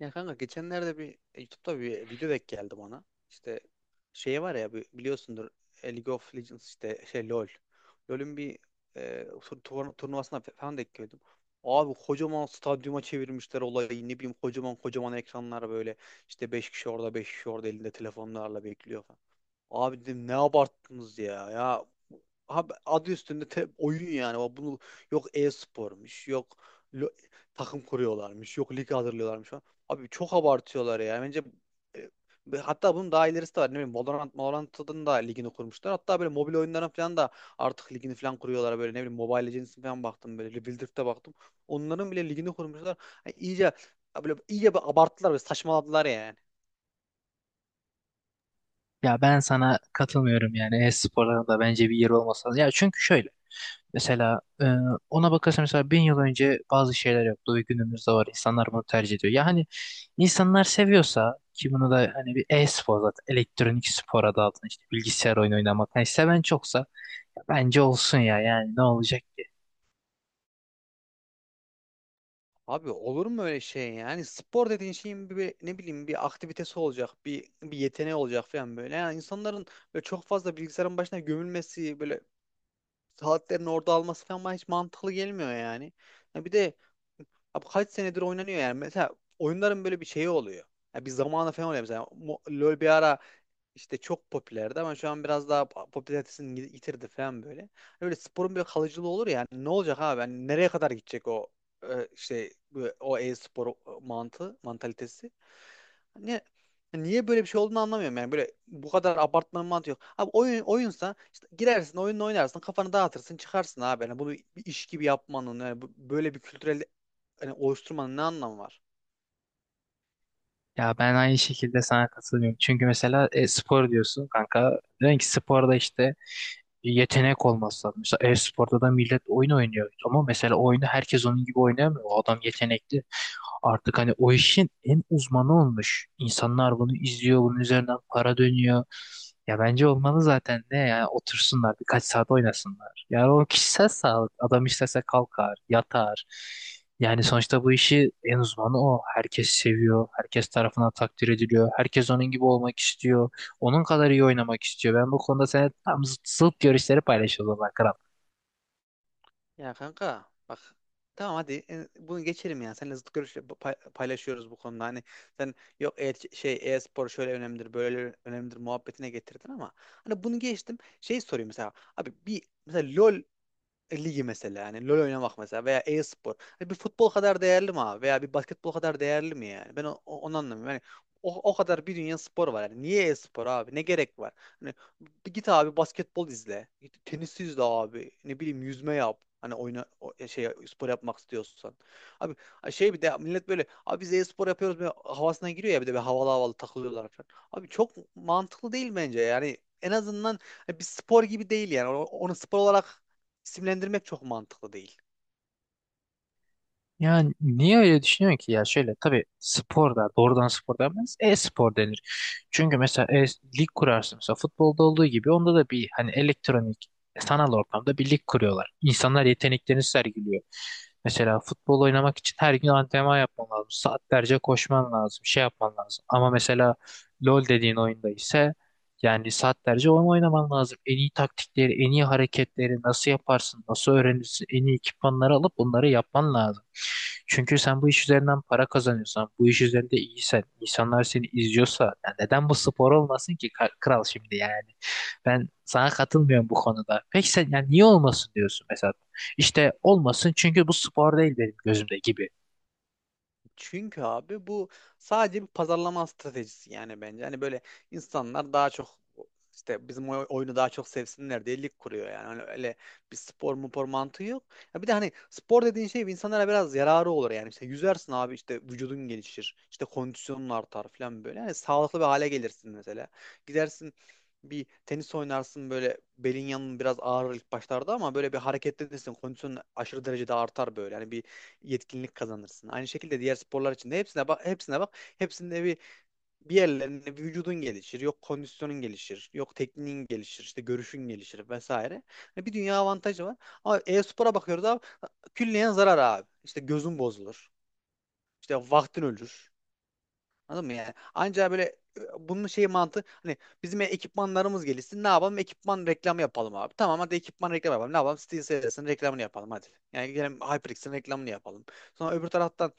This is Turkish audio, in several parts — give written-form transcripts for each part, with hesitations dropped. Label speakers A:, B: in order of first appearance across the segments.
A: Ya kanka geçenlerde bir YouTube'da bir video denk geldi bana. İşte şey var ya biliyorsundur League of Legends işte şey LoL. LoL'ün bir turnuvasına falan denk geldim. Abi kocaman stadyuma çevirmişler olayı. Ne bileyim kocaman kocaman ekranlar böyle. İşte 5 kişi orada 5 kişi orada elinde telefonlarla bekliyor. Abi dedim ne abarttınız ya. Ya abi adı üstünde oyun yani. Bak bunu yok e-spormuş, yok lo- takım kuruyorlarmış, yok lig hazırlıyorlarmış falan. Abi çok abartıyorlar ya. Bence e, ve hatta bunun daha ilerisi de var. Ne bileyim Valorant, Valorant'ın da ligini kurmuşlar. Hatta böyle mobil oyunların falan da artık ligini falan kuruyorlar böyle ne bileyim Mobile Legends'in falan baktım böyle Rebuild'e baktım. Onların bile ligini kurmuşlar. Yani iyice böyle iyice bir abarttılar ve saçmaladılar yani.
B: Ya ben sana katılmıyorum yani e-sporların da bence bir yeri olmasa. Ya çünkü şöyle mesela ona bakarsan mesela bin yıl önce bazı şeyler yoktu ve günümüzde var. İnsanlar bunu tercih ediyor. Ya hani insanlar seviyorsa ki bunu da hani bir e-spor zaten elektronik spor adı altında işte bilgisayar oyunu oynamak. Hani seven çoksa ya bence olsun ya yani ne olacak ki?
A: Abi olur mu öyle şey yani spor dediğin şeyin ne bileyim bir aktivitesi olacak bir yeteneği olacak falan böyle yani insanların böyle çok fazla bilgisayarın başına gömülmesi böyle saatlerini orada alması falan bana hiç mantıklı gelmiyor yani. Ya bir de abi kaç senedir oynanıyor yani mesela oyunların böyle bir şeyi oluyor. Ya bir zamanı falan oluyor mesela LoL bir ara işte çok popülerdi ama şu an biraz daha popülaritesini yitirdi falan böyle. Hani böyle sporun bir kalıcılığı olur ya hani ne olacak abi? Hani nereye kadar gidecek o e, işte bu- o e-spor mantığı, mantalitesi? Hani niye böyle bir şey olduğunu anlamıyorum yani böyle bu kadar abartmanın mantığı yok. Abi oyun oyunsa işte girersin oyunla oynarsın kafanı dağıtırsın çıkarsın abi. Yani bunu bir iş gibi yapmanın yani böyle bir kültürel hani oluşturmanın ne anlamı var?
B: Ya ben aynı şekilde sana katılıyorum. Çünkü mesela spor diyorsun kanka. Diyorsun ki sporda işte yetenek olması lazım. Mesela e-sporda da millet oyun oynuyor. Ama mesela oyunu herkes onun gibi oynayamıyor. O adam yetenekli. Artık hani o işin en uzmanı olmuş. İnsanlar bunu izliyor, bunun üzerinden para dönüyor. Ya bence olmalı zaten de yani otursunlar birkaç saat oynasınlar. Yani o kişisel sağlık. Adam istese kalkar, yatar. Yani sonuçta bu işi en uzmanı o. Herkes seviyor, herkes tarafından takdir ediliyor. Herkes onun gibi olmak istiyor. Onun kadar iyi oynamak istiyor. Ben bu konuda seninle tam zıt görüşleri paylaşıyorum.
A: Ya kanka bak tamam hadi bunu geçelim ya. Seninle zıt görüş paylaşıyoruz bu konuda. Hani sen yok şey e-spor şöyle önemlidir, böyle önemlidir muhabbetine getirdin ama hani bunu geçtim. Şey sorayım mesela abi bir mesela LoL ligi mesela yani LoL oynamak mesela veya e-spor. Hani bir futbol kadar değerli mi abi veya bir basketbol kadar değerli mi yani? Ben onu anlamıyorum. Yani o kadar bir dünya spor var. Yani niye e-spor abi? Ne gerek var? Hani bir git abi basketbol izle. Git tenis izle abi. Ne bileyim yüzme yap. Hani oyna şey spor yapmak istiyorsan. Abi şey bir de millet böyle abi biz e-spor yapıyoruz böyle havasına giriyor ya bir de bir havalı havalı takılıyorlar falan. Abi çok mantıklı değil bence. Yani en azından bir spor gibi değil yani. Onu spor olarak isimlendirmek çok mantıklı değil.
B: Yani niye öyle düşünüyorsun ki ya şöyle tabii sporda doğrudan spor denmez e-spor denir. Çünkü mesela lig kurarsın mesela futbolda olduğu gibi onda da bir hani elektronik sanal ortamda bir lig kuruyorlar. İnsanlar yeteneklerini sergiliyor. Mesela futbol oynamak için her gün antrenman yapman lazım. Saatlerce koşman lazım, şey yapman lazım. Ama mesela LoL dediğin oyunda ise yani saatlerce oyun oynaman lazım. En iyi taktikleri, en iyi hareketleri nasıl yaparsın, nasıl öğrenirsin, en iyi ekipmanları alıp bunları yapman lazım. Çünkü sen bu iş üzerinden para kazanıyorsan, bu iş üzerinde iyisen, insanlar seni izliyorsa, ya neden bu spor olmasın ki kral şimdi yani? Ben sana katılmıyorum bu konuda. Peki sen yani niye olmasın diyorsun mesela? İşte olmasın çünkü bu spor değil benim gözümde gibi.
A: Çünkü abi bu sadece bir pazarlama stratejisi yani bence. Hani böyle insanlar daha çok işte bizim oyunu daha çok sevsinler diye lig kuruyor yani. Hani öyle bir spor mupor mantığı yok. Ya bir de hani spor dediğin şey insanlara biraz yararı olur yani. İşte yüzersin abi işte vücudun gelişir. İşte kondisyonun artar falan böyle. Hani sağlıklı bir hale gelirsin mesela. Gidersin bir tenis oynarsın böyle belin yanın biraz ağrır ilk başlarda ama böyle bir hareketlenirsin kondisyonun aşırı derecede artar böyle. Yani bir yetkinlik kazanırsın. Aynı şekilde diğer sporlar için de hepsine bak, hepsine bak. Hepsinde bir yerlerinde bir vücudun gelişir, yok kondisyonun gelişir, yok tekniğin gelişir, işte görüşün gelişir vesaire. Hani bir dünya avantajı var. Ama e-spora bakıyoruz abi külliyen zarar abi. İşte gözün bozulur. İşte vaktin ölür. Anladın mı yani? Ancak böyle bunun şeyi mantığı hani bizim ekipmanlarımız gelişsin. Ne yapalım? Ekipman reklamı yapalım abi. Tamam hadi ekipman reklamı yapalım. Ne yapalım? SteelSeries'in reklamını yapalım hadi. Yani gelelim HyperX'in reklamını yapalım. Sonra öbür taraftan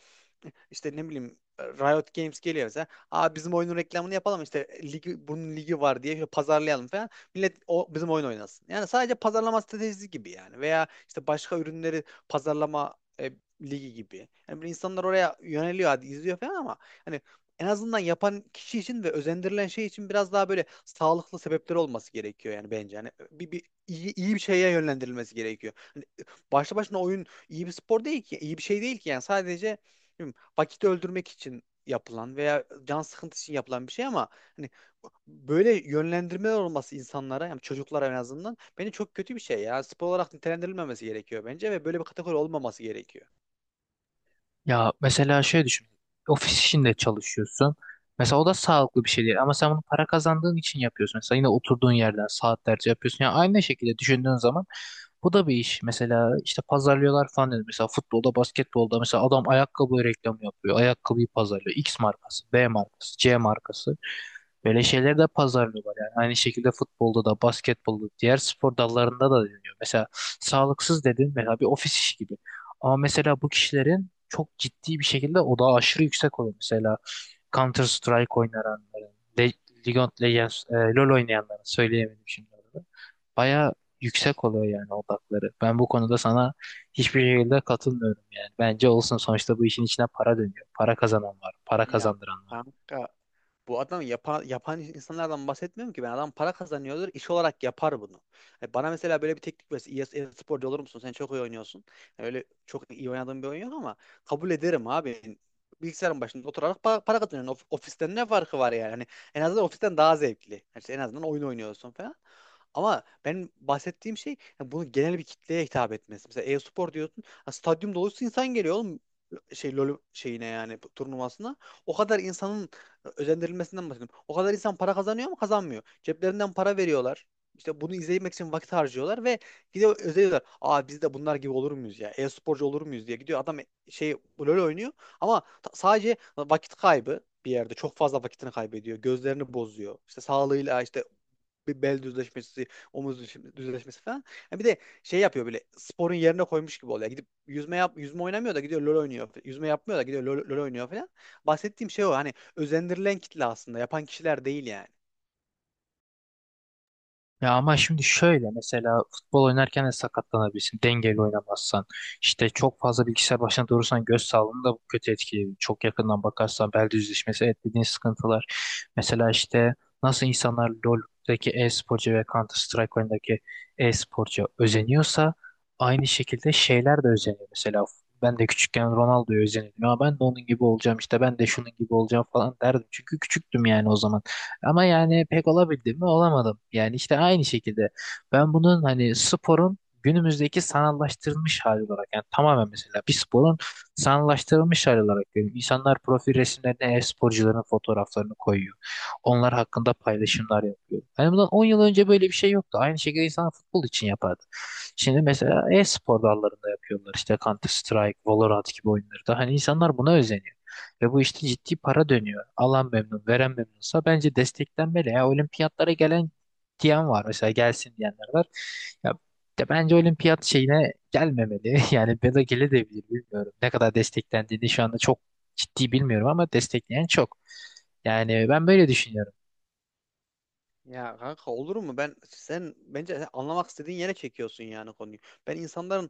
A: işte ne bileyim Riot Games geliyor mesela. Aa bizim oyunun reklamını yapalım işte ligi, bunun ligi var diye şöyle pazarlayalım falan. Millet o bizim oyun oynasın. Yani sadece pazarlama stratejisi gibi yani. Veya işte başka ürünleri pazarlama e, ligi gibi. Yani böyle insanlar oraya yöneliyor hadi izliyor falan ama hani en azından yapan kişi için ve özendirilen şey için biraz daha böyle sağlıklı sebepleri olması gerekiyor yani bence. Yani iyi bir şeye yönlendirilmesi gerekiyor. Hani başlı başına oyun iyi bir spor değil ki, iyi bir şey değil ki yani sadece bilmiyorum, vakit öldürmek için yapılan veya can sıkıntısı için yapılan bir şey ama hani böyle yönlendirmeler olması insanlara yani çocuklara en azından bence çok kötü bir şey ya. Spor olarak nitelendirilmemesi gerekiyor bence ve böyle bir kategori olmaması gerekiyor.
B: Ya mesela şöyle düşün. Ofis işinde çalışıyorsun. Mesela o da sağlıklı bir şey değil ama sen bunu para kazandığın için yapıyorsun. Mesela yine oturduğun yerden saatlerce yapıyorsun. Yani aynı şekilde düşündüğün zaman bu da bir iş. Mesela işte pazarlıyorlar falan dedim. Mesela futbolda, basketbolda mesela adam ayakkabı reklamı yapıyor. Ayakkabıyı pazarlıyor. X markası, B markası, C markası. Böyle şeyleri de pazarlıyorlar yani. Aynı şekilde futbolda da, basketbolda, diğer spor dallarında da deniyor. Mesela sağlıksız dedin mesela bir ofis işi gibi. Ama mesela bu kişilerin çok ciddi bir şekilde odağı aşırı yüksek oluyor. Mesela Counter Strike oynayanların, Le League of Legends, LoL oynayanların söyleyemedim şimdi orada. Baya yüksek oluyor yani odakları. Ben bu konuda sana hiçbir şekilde katılmıyorum yani. Bence olsun sonuçta bu işin içine para dönüyor. Para kazanan var, para
A: Ya
B: kazandıran var.
A: kanka bu adam yapan, yapan insanlardan bahsetmiyorum ki ben. Adam para kazanıyordur, iş olarak yapar bunu. Yani bana mesela böyle bir teknik verse, iyi iyi sporcu olur musun? Sen çok iyi oynuyorsun. Yani öyle çok iyi oynadığım bir oyun yok ama kabul ederim abi. Bilgisayarın başında oturarak para kazanıyorsun. Ofisten ne farkı var yani? Hani en azından ofisten daha zevkli. Yani işte en azından oyun oynuyorsun falan. Ama ben bahsettiğim şey yani bunun genel bir kitleye hitap etmesi. Mesela e-spor diyorsun. Ha, Stadyum dolusu insan geliyor oğlum şey LoL şeyine yani bu turnuvasına. O kadar insanın özendirilmesinden bahsediyorum. O kadar insan para kazanıyor mu? Kazanmıyor. Ceplerinden para veriyorlar. İşte bunu izlemek için vakit harcıyorlar ve gidiyor özeniyorlar. Aa biz de bunlar gibi olur muyuz ya? E-sporcu olur muyuz diye gidiyor. Adam şey LoL oynuyor ama sadece vakit kaybı bir yerde çok fazla vakitini kaybediyor. Gözlerini bozuyor. İşte sağlığıyla işte bir bel düzleşmesi, omuz düzleşmesi falan. Ha bir de şey yapıyor böyle sporun yerine koymuş gibi oluyor. Gidip yüzme yap yüzme oynamıyor da gidiyor LoL oynuyor. Yüzme yapmıyor da gidiyor LoL oynuyor falan. Bahsettiğim şey o hani özendirilen kitle aslında yapan kişiler değil yani.
B: Ya ama şimdi şöyle mesela futbol oynarken de sakatlanabilirsin dengeli oynamazsan. İşte çok fazla bilgisayar başına durursan göz sağlığını da bu kötü etkileyebilir. Çok yakından bakarsan bel düzleşmesi evet dediğin sıkıntılar. Mesela işte nasıl insanlar LoL'deki e-sporcu ve Counter Strike oyundaki e-sporcu özeniyorsa aynı şekilde şeyler de özeniyor. Mesela ben de küçükken Ronaldo'ya özeniyordum. Ya ben de onun gibi olacağım işte ben de şunun gibi olacağım falan derdim. Çünkü küçüktüm yani o zaman. Ama yani pek olabildim mi? Olamadım. Yani işte aynı şekilde ben bunun hani sporun günümüzdeki sanallaştırılmış hali olarak yani tamamen mesela bir sporun sanallaştırılmış hali olarak görüyorum. İnsanlar profil resimlerine e-sporcuların fotoğraflarını koyuyor. Onlar hakkında paylaşımlar yapıyor. Yani bundan 10 yıl önce böyle bir şey yoktu. Aynı şekilde insan futbol için yapardı. Şimdi mesela e-spor dallarında yapıyorlar, işte Counter Strike, Valorant gibi oyunlarda. Hani insanlar buna özeniyor. Ve bu işte ciddi para dönüyor. Alan memnun, veren memnunsa bence desteklenmeli. Ya olimpiyatlara gelen diyen var. Mesela gelsin diyenler var. Ya, de bence olimpiyat şeyine gelmemeli. Yani ya da gelebilir bilmiyorum. Ne kadar desteklendiğini şu anda çok ciddi bilmiyorum ama destekleyen çok. Yani ben böyle düşünüyorum.
A: Ya kanka olur mu? Sen bence sen anlamak istediğin yere çekiyorsun yani konuyu. Ben insanların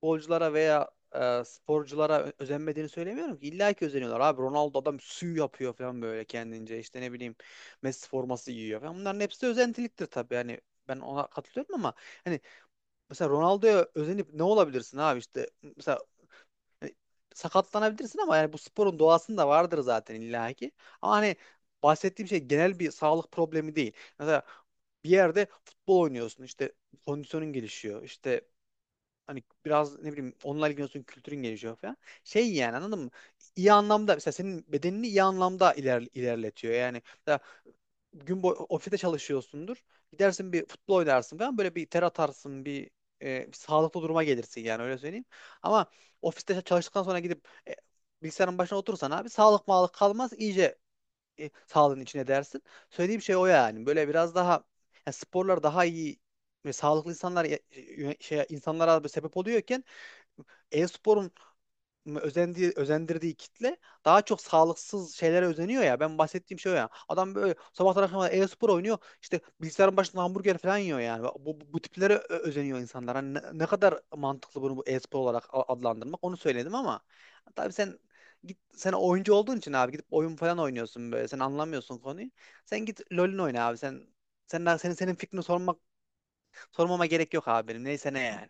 A: futbolculara veya sporculara özenmediğini söylemiyorum ki. İlla ki özeniyorlar. Abi Ronaldo adam sü yapıyor falan böyle kendince. İşte ne bileyim Messi forması giyiyor falan. Bunların hepsi de özentiliktir tabii. Yani ben ona katılıyorum ama hani mesela Ronaldo'ya özenip ne olabilirsin abi işte mesela hani sakatlanabilirsin ama yani bu sporun doğasında vardır zaten illaki. Ama hani bahsettiğim şey genel bir sağlık problemi değil. Mesela bir yerde futbol oynuyorsun işte kondisyonun gelişiyor işte hani biraz ne bileyim onunla ilgileniyorsun kültürün gelişiyor falan. Şey yani anladın mı? İyi anlamda mesela senin bedenini iyi anlamda ilerletiyor. Yani mesela gün boyu ofiste çalışıyorsundur. Gidersin bir futbol oynarsın falan böyle bir ter atarsın bir sağlıklı duruma gelirsin yani öyle söyleyeyim. Ama ofiste çalıştıktan sonra gidip bilgisayarın başına otursan, abi sağlık mağlık kalmaz iyice sağlığın içine dersin. Söylediğim şey o yani böyle biraz daha yani sporlar daha iyi ve sağlıklı insanlar şey insanlara böyle sebep oluyorken e-sporun özendiği, özendirdiği kitle daha çok sağlıksız şeylere özeniyor ya. Ben bahsettiğim şey o ya. Adam böyle sabahtan akşama kadar e-spor oynuyor. İşte bilgisayarın başında hamburger falan yiyor yani. Bu tiplere özeniyor insanlar. Hani ne kadar mantıklı bunu bu e-spor olarak adlandırmak onu söyledim ama tabii sen git sen oyuncu olduğun için abi gidip oyun falan oynuyorsun böyle. Sen anlamıyorsun konuyu. Sen git LoL'ün oyna abi. Sen senin fikrini sormama gerek yok abi benim. Neyse ne yani.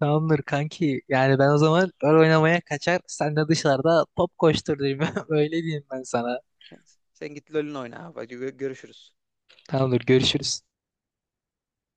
B: Tamamdır kanki. Yani ben o zaman rol oynamaya kaçar. Sen de dışarıda top koştur diyeyim. Öyle diyeyim ben sana.
A: Sen git LoL'ün oyna abi. Hadi görüşürüz.
B: Tamamdır görüşürüz.